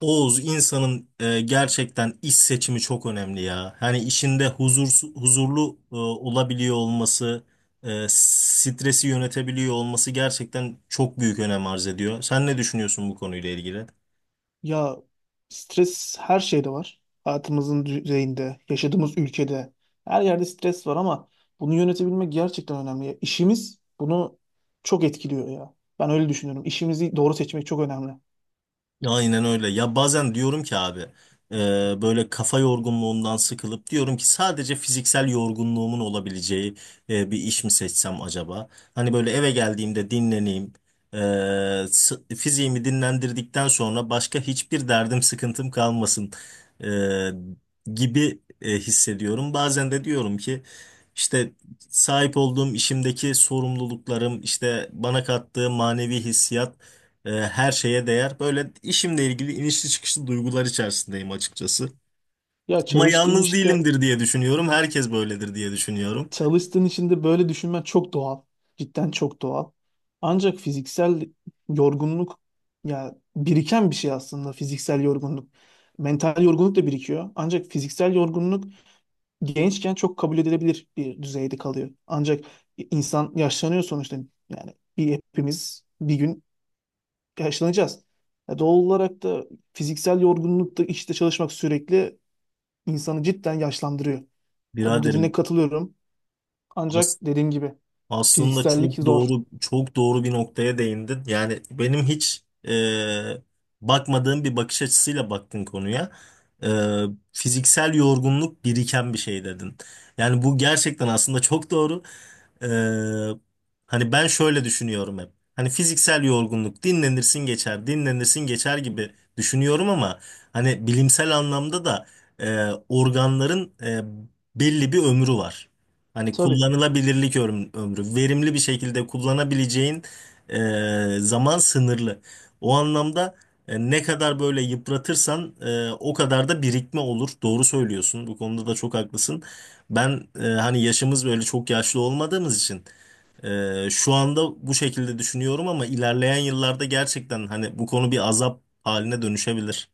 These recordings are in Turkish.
Oğuz insanın gerçekten iş seçimi çok önemli ya. Hani işinde huzurlu olabiliyor olması, stresi yönetebiliyor olması gerçekten çok büyük önem arz ediyor. Sen ne düşünüyorsun bu konuyla ilgili? Ya, stres her şeyde var. Hayatımızın düzeyinde, yaşadığımız ülkede, her yerde stres var ama bunu yönetebilmek gerçekten önemli. Ya, İşimiz bunu çok etkiliyor ya. Ben öyle düşünüyorum. İşimizi doğru seçmek çok önemli. Aynen öyle. Ya bazen diyorum ki abi, böyle kafa yorgunluğundan sıkılıp diyorum ki sadece fiziksel yorgunluğumun olabileceği bir iş mi seçsem acaba? Hani böyle eve geldiğimde dinleneyim. Fiziğimi dinlendirdikten sonra başka hiçbir derdim sıkıntım kalmasın e, gibi hissediyorum. Bazen de diyorum ki işte sahip olduğum işimdeki sorumluluklarım işte bana kattığı manevi hissiyat her şeye değer. Böyle işimle ilgili inişli çıkışlı duygular içerisindeyim açıkçası. Ya, Ama çalıştığın yalnız işte değilimdir diye düşünüyorum. Herkes böyledir diye düşünüyorum. çalıştığın için de böyle düşünmen çok doğal. Cidden çok doğal. Ancak fiziksel yorgunluk, ya, biriken bir şey aslında fiziksel yorgunluk. Mental yorgunluk da birikiyor. Ancak fiziksel yorgunluk gençken çok kabul edilebilir bir düzeyde kalıyor. Ancak insan yaşlanıyor sonuçta. Yani bir hepimiz bir gün yaşlanacağız. Ya, doğal olarak da fiziksel yorgunluk da işte çalışmak sürekli insanı cidden yaşlandırıyor. Ya, bu dediğine Biraderim. katılıyorum. Ancak dediğim gibi Aslında fiziksellik çok zor. doğru çok doğru bir noktaya değindin. Yani benim hiç e, bakmadığım bir bakış açısıyla baktın konuya. E, Fiziksel yorgunluk biriken bir şey dedin. Yani bu gerçekten aslında çok doğru. E, Hani ben şöyle düşünüyorum hep. Hani fiziksel yorgunluk dinlenirsin geçer, dinlenirsin geçer gibi düşünüyorum ama hani bilimsel anlamda da organların belli bir ömrü var. Hani Tabii. kullanılabilirlik ömrü, verimli bir şekilde kullanabileceğin e, zaman sınırlı. O anlamda ne kadar böyle yıpratırsan o kadar da birikme olur. Doğru söylüyorsun. Bu konuda da çok haklısın. Ben hani yaşımız böyle çok yaşlı olmadığımız için şu anda bu şekilde düşünüyorum ama ilerleyen yıllarda gerçekten hani bu konu bir azap haline dönüşebilir.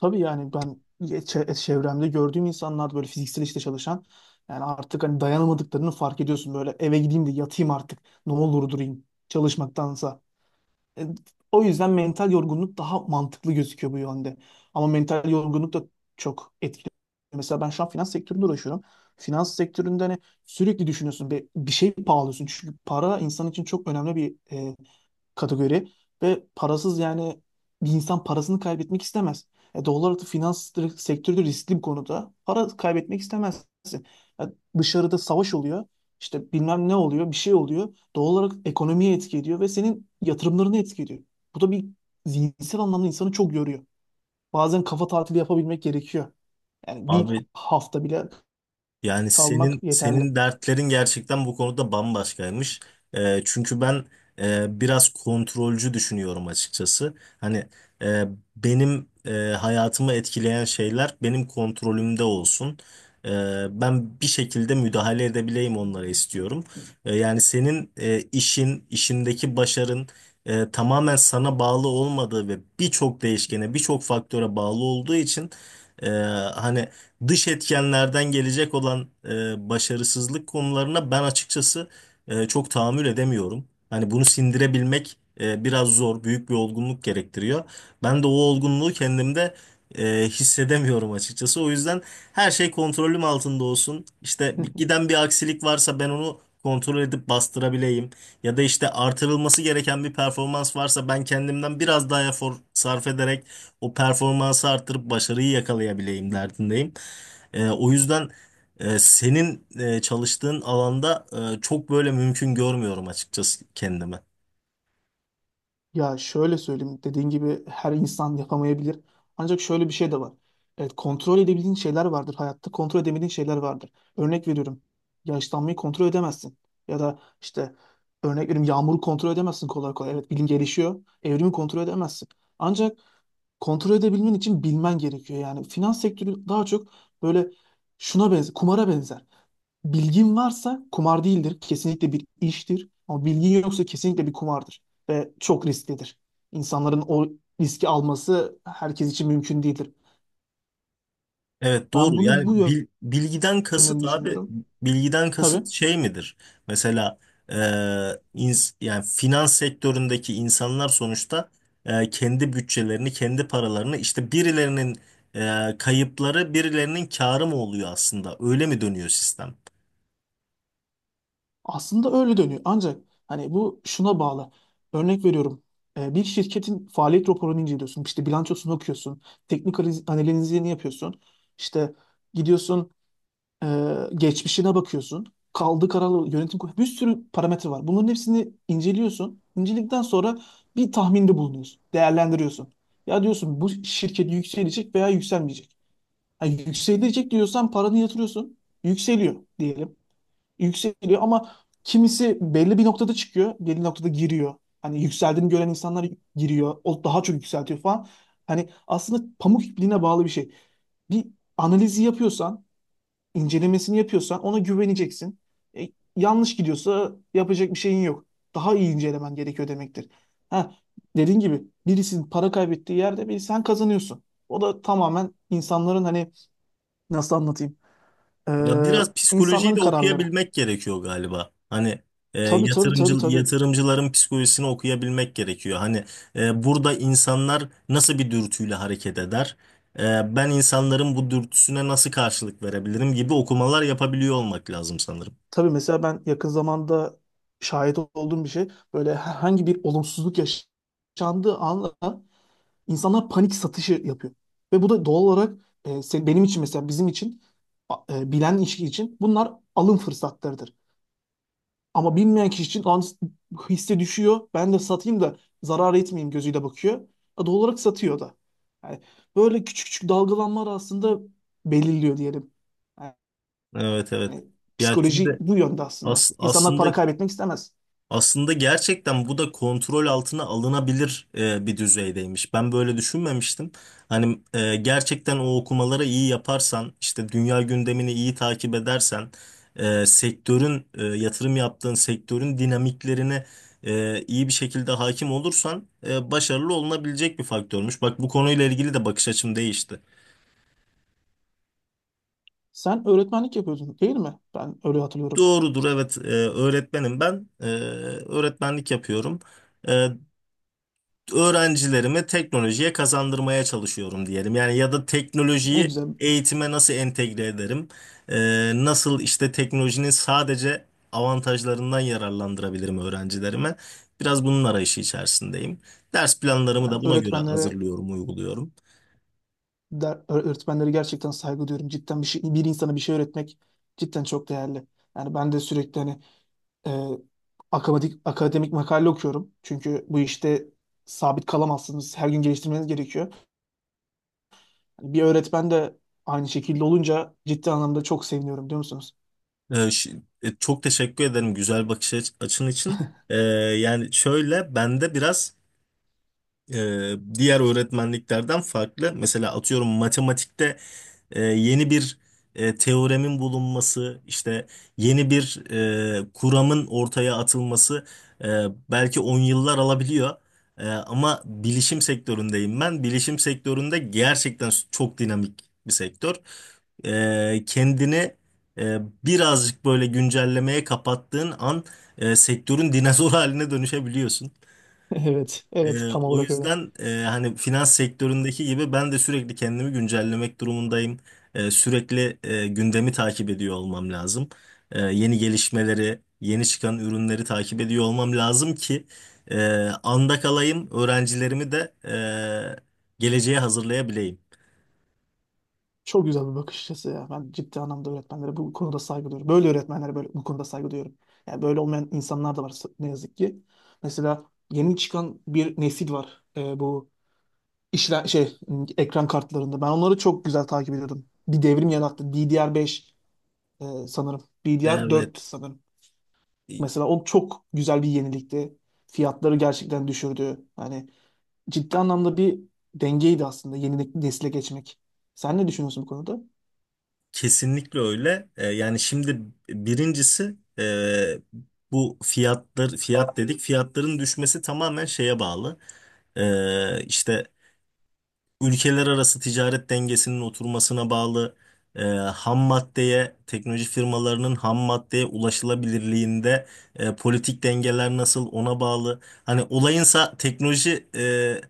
Tabii, yani ben çevremde gördüğüm insanlar böyle fiziksel işte çalışan, yani artık hani dayanamadıklarını fark ediyorsun, böyle eve gideyim de yatayım artık, ne olur durayım çalışmaktansa. E, O yüzden mental yorgunluk daha mantıklı gözüküyor bu yönde. Ama mental yorgunluk da çok etkili. Mesela ben şu an finans sektöründe uğraşıyorum. Finans sektöründe hani sürekli düşünüyorsun, bir şey pahalıyorsun. Çünkü para insan için çok önemli bir kategori, ve parasız, yani bir insan parasını kaybetmek istemez. Doğal olarak da finans sektörü de riskli bir konuda. Para kaybetmek istemezsin. Ya, dışarıda savaş oluyor, işte bilmem ne oluyor, bir şey oluyor. Doğal olarak ekonomiye etki ediyor ve senin yatırımlarını etki ediyor. Bu da bir zihinsel anlamda insanı çok yoruyor. Bazen kafa tatili yapabilmek gerekiyor. Yani bir Abi. hafta bile Yani kalmak senin yeterli. senin dertlerin gerçekten bu konuda bambaşkaymış. Çünkü ben biraz kontrolcü düşünüyorum açıkçası. Hani e, benim hayatımı etkileyen şeyler benim kontrolümde olsun. Ee, Ben bir şekilde müdahale edebileyim onlara istiyorum. Yani senin işin, işindeki başarın tamamen sana bağlı olmadığı ve birçok değişkene, birçok faktöre bağlı olduğu için e, hani dış etkenlerden gelecek olan başarısızlık konularına ben açıkçası çok tahammül edemiyorum. Hani bunu sindirebilmek biraz zor, büyük bir olgunluk gerektiriyor. Ben de o olgunluğu kendimde hissedemiyorum açıkçası. O yüzden her şey kontrolüm altında olsun. İşte giden bir aksilik varsa ben onu kontrol edip bastırabileyim. Ya da işte artırılması gereken bir performans varsa ben kendimden biraz daha efor sarf ederek o performansı arttırıp başarıyı yakalayabileyim derdindeyim. O yüzden senin çalıştığın alanda çok böyle mümkün görmüyorum açıkçası kendime. Ya, şöyle söyleyeyim, dediğin gibi her insan yapamayabilir. Ancak şöyle bir şey de var. Evet, kontrol edebildiğin şeyler vardır hayatta, kontrol edemediğin şeyler vardır. Örnek veriyorum, yaşlanmayı kontrol edemezsin. Ya da işte örnek veriyorum, yağmuru kontrol edemezsin kolay kolay. Evet, bilim gelişiyor, evrimi kontrol edemezsin. Ancak kontrol edebilmen için bilmen gerekiyor. Yani finans sektörü daha çok böyle şuna benzer, kumara benzer. Bilgin varsa kumar değildir, kesinlikle bir iştir. Ama bilgin yoksa kesinlikle bir kumardır ve çok risklidir. İnsanların o riski alması herkes için mümkün değildir. Evet doğru, Ben bunu bu yani bilgiden yönden kasıt abi, düşünüyorum. bilgiden Tabii. kasıt şey midir? Mesela e, yani finans sektöründeki insanlar sonuçta kendi bütçelerini kendi paralarını işte birilerinin kayıpları birilerinin kârı mı oluyor, aslında öyle mi dönüyor sistem? Aslında öyle dönüyor. Ancak hani bu şuna bağlı. Örnek veriyorum. Bir şirketin faaliyet raporunu inceliyorsun. İşte bilançosunu okuyorsun. Teknik analizini yapıyorsun. İşte gidiyorsun, e, geçmişine bakıyorsun. Kaldığı kararlı yönetim kurulu. Bir sürü parametre var. Bunların hepsini inceliyorsun. İnceledikten sonra bir tahminde bulunuyorsun. Değerlendiriyorsun. Ya, diyorsun bu şirket yükselecek veya yükselmeyecek. Ha, yükselecek diyorsan paranı yatırıyorsun. Yükseliyor diyelim, yükseliyor ama kimisi belli bir noktada çıkıyor, belli noktada giriyor. Hani yükseldiğini gören insanlar giriyor, o daha çok yükseltiyor falan. Hani aslında pamuk ipliğine bağlı bir şey. Bir analizi yapıyorsan, incelemesini yapıyorsan ona güveneceksin. E, Yanlış gidiyorsa yapacak bir şeyin yok. Daha iyi incelemen gerekiyor demektir. Ha, dediğin gibi birisinin para kaybettiği yerde bir sen kazanıyorsun. O da tamamen insanların hani nasıl anlatayım? Ya Ee, biraz psikolojiyi insanların de kararları. okuyabilmek gerekiyor galiba. Hani Tabii, tabii, yatırımcı tabii, tabii. yatırımcıların psikolojisini okuyabilmek gerekiyor. Hani burada insanlar nasıl bir dürtüyle hareket eder? Ben insanların bu dürtüsüne nasıl karşılık verebilirim gibi okumalar yapabiliyor olmak lazım sanırım. Tabii mesela ben yakın zamanda şahit olduğum bir şey, böyle herhangi bir olumsuzluk yaşandığı anla insanlar panik satışı yapıyor. Ve bu da doğal olarak, benim için, mesela bizim için, bilen kişi için bunlar alım fırsatlarıdır. Ama bilmeyen kişi için, "Lan hisse düşüyor ben de satayım da zarar etmeyeyim" gözüyle bakıyor. Doğal olarak satıyor da. Yani böyle küçük küçük dalgalanmalar aslında belirliyor diyelim. Evet, evet. Yani Ya psikoloji şimdi, bu yönde aslında. as- İnsanlar aslında para kaybetmek istemez. aslında gerçekten bu da kontrol altına alınabilir bir düzeydeymiş. Ben böyle düşünmemiştim. Hani gerçekten o okumaları iyi yaparsan, işte dünya gündemini iyi takip edersen, yatırım yaptığın sektörün dinamiklerine iyi bir şekilde hakim olursan başarılı olunabilecek bir faktörmüş. Bak bu konuyla ilgili de bakış açım değişti. Sen öğretmenlik yapıyordun değil mi? Ben öyle hatırlıyorum. Doğrudur, evet, öğretmenim ben. Öğretmenlik yapıyorum. E, Öğrencilerimi teknolojiye kazandırmaya çalışıyorum diyelim. Yani ya da Ne teknolojiyi güzel. eğitime nasıl entegre ederim? Nasıl işte teknolojinin sadece avantajlarından yararlandırabilirim öğrencilerime? Biraz bunun arayışı içerisindeyim. Ders planlarımı Ben da buna göre öğretmenlere hazırlıyorum, uyguluyorum. der, öğretmenlere gerçekten saygı duyuyorum. Cidden bir şey, bir insana bir şey öğretmek cidden çok değerli. Yani ben de sürekli hani e, akademik makale okuyorum. Çünkü bu işte sabit kalamazsınız. Her gün geliştirmeniz gerekiyor. Hani bir öğretmen de aynı şekilde olunca ciddi anlamda çok seviniyorum, diyor musunuz? Ee, ş- Çok teşekkür ederim güzel bakış açın için. Yani şöyle bende biraz diğer öğretmenliklerden farklı. Mesela atıyorum matematikte yeni bir teoremin bulunması, işte yeni bir kuramın ortaya atılması e, belki 10 yıllar alabiliyor. Ama bilişim sektöründeyim ben. Bilişim sektöründe gerçekten çok dinamik bir sektör. Kendini e, birazcık böyle güncellemeye kapattığın an sektörün dinozor haline dönüşebiliyorsun. Evet, evet, tam O olarak öyle. yüzden hani finans sektöründeki gibi ben de sürekli kendimi güncellemek durumundayım. Sürekli gündemi takip ediyor olmam lazım. Yeni gelişmeleri, yeni çıkan ürünleri takip ediyor olmam lazım ki e, anda kalayım, öğrencilerimi de geleceğe hazırlayabileyim. Çok güzel bir bakış açısı ya. Ben ciddi anlamda öğretmenlere bu konuda saygı duyuyorum. Böyle öğretmenlere böyle bu konuda saygı duyuyorum. Yani böyle olmayan insanlar da var, ne yazık ki. Mesela yeni çıkan bir nesil var. Bu işler şey, ekran kartlarında. Ben onları çok güzel takip ediyordum. Bir devrim yarattı. DDR5, sanırım. Evet, DDR4 sanırım. e, Mesela o çok güzel bir yenilikti. Fiyatları gerçekten düşürdü. Hani ciddi anlamda bir dengeydi aslında yeni nesile geçmek. Sen ne düşünüyorsun bu konuda? kesinlikle öyle. Yani şimdi birincisi bu fiyatlar, fiyat dedik. Fiyatların düşmesi tamamen şeye bağlı. İşte ülkeler arası ticaret dengesinin oturmasına bağlı, ham maddeye, teknoloji firmalarının ham maddeye ulaşılabilirliğinde politik dengeler nasıl ona bağlı. Hani olayınsa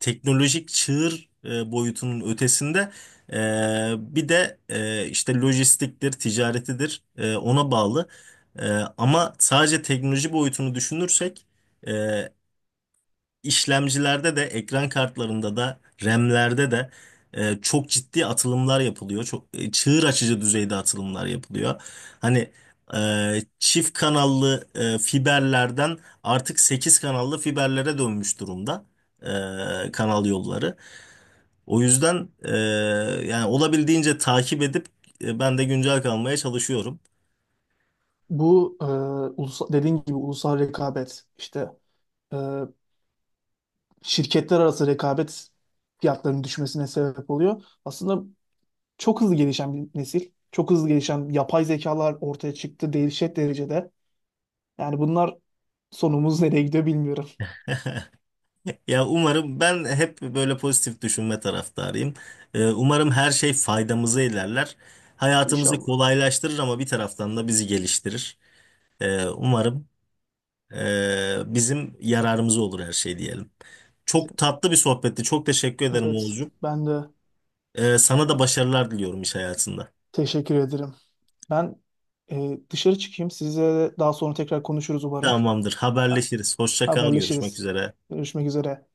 teknolojik çığır boyutunun ötesinde e, bir de işte lojistiktir, ticaretidir, ona bağlı. E, Ama sadece teknoloji boyutunu düşünürsek e, işlemcilerde de ekran kartlarında da RAM'lerde de çok ciddi atılımlar yapılıyor. Çok çığır açıcı düzeyde atılımlar yapılıyor. Hani çift kanallı fiberlerden artık 8 kanallı fiberlere dönmüş durumda kanal yolları. O yüzden yani olabildiğince takip edip ben de güncel kalmaya çalışıyorum. Bu ulusal, dediğin gibi ulusal rekabet, işte e, şirketler arası rekabet fiyatlarının düşmesine sebep oluyor. Aslında çok hızlı gelişen bir nesil. Çok hızlı gelişen yapay zekalar ortaya çıktı dehşet derecede. Yani bunlar, sonumuz nereye gidiyor bilmiyorum. Ya umarım, ben hep böyle pozitif düşünme taraftarıyım. Umarım her şey faydamıza ilerler. Hayatımızı İnşallah. kolaylaştırır ama bir taraftan da bizi geliştirir. Umarım bizim yararımıza olur her şey diyelim. Çok Senin. tatlı bir sohbetti. Çok teşekkür ederim Evet, Oğuzcuğum. ben de Sana da başarılar diliyorum iş hayatında. teşekkür ederim. Ben dışarı çıkayım. Sizle daha sonra tekrar konuşuruz umarım. Tamamdır. Ben, Haberleşiriz. Hoşça kal. Görüşmek haberleşiriz. üzere. Görüşmek üzere.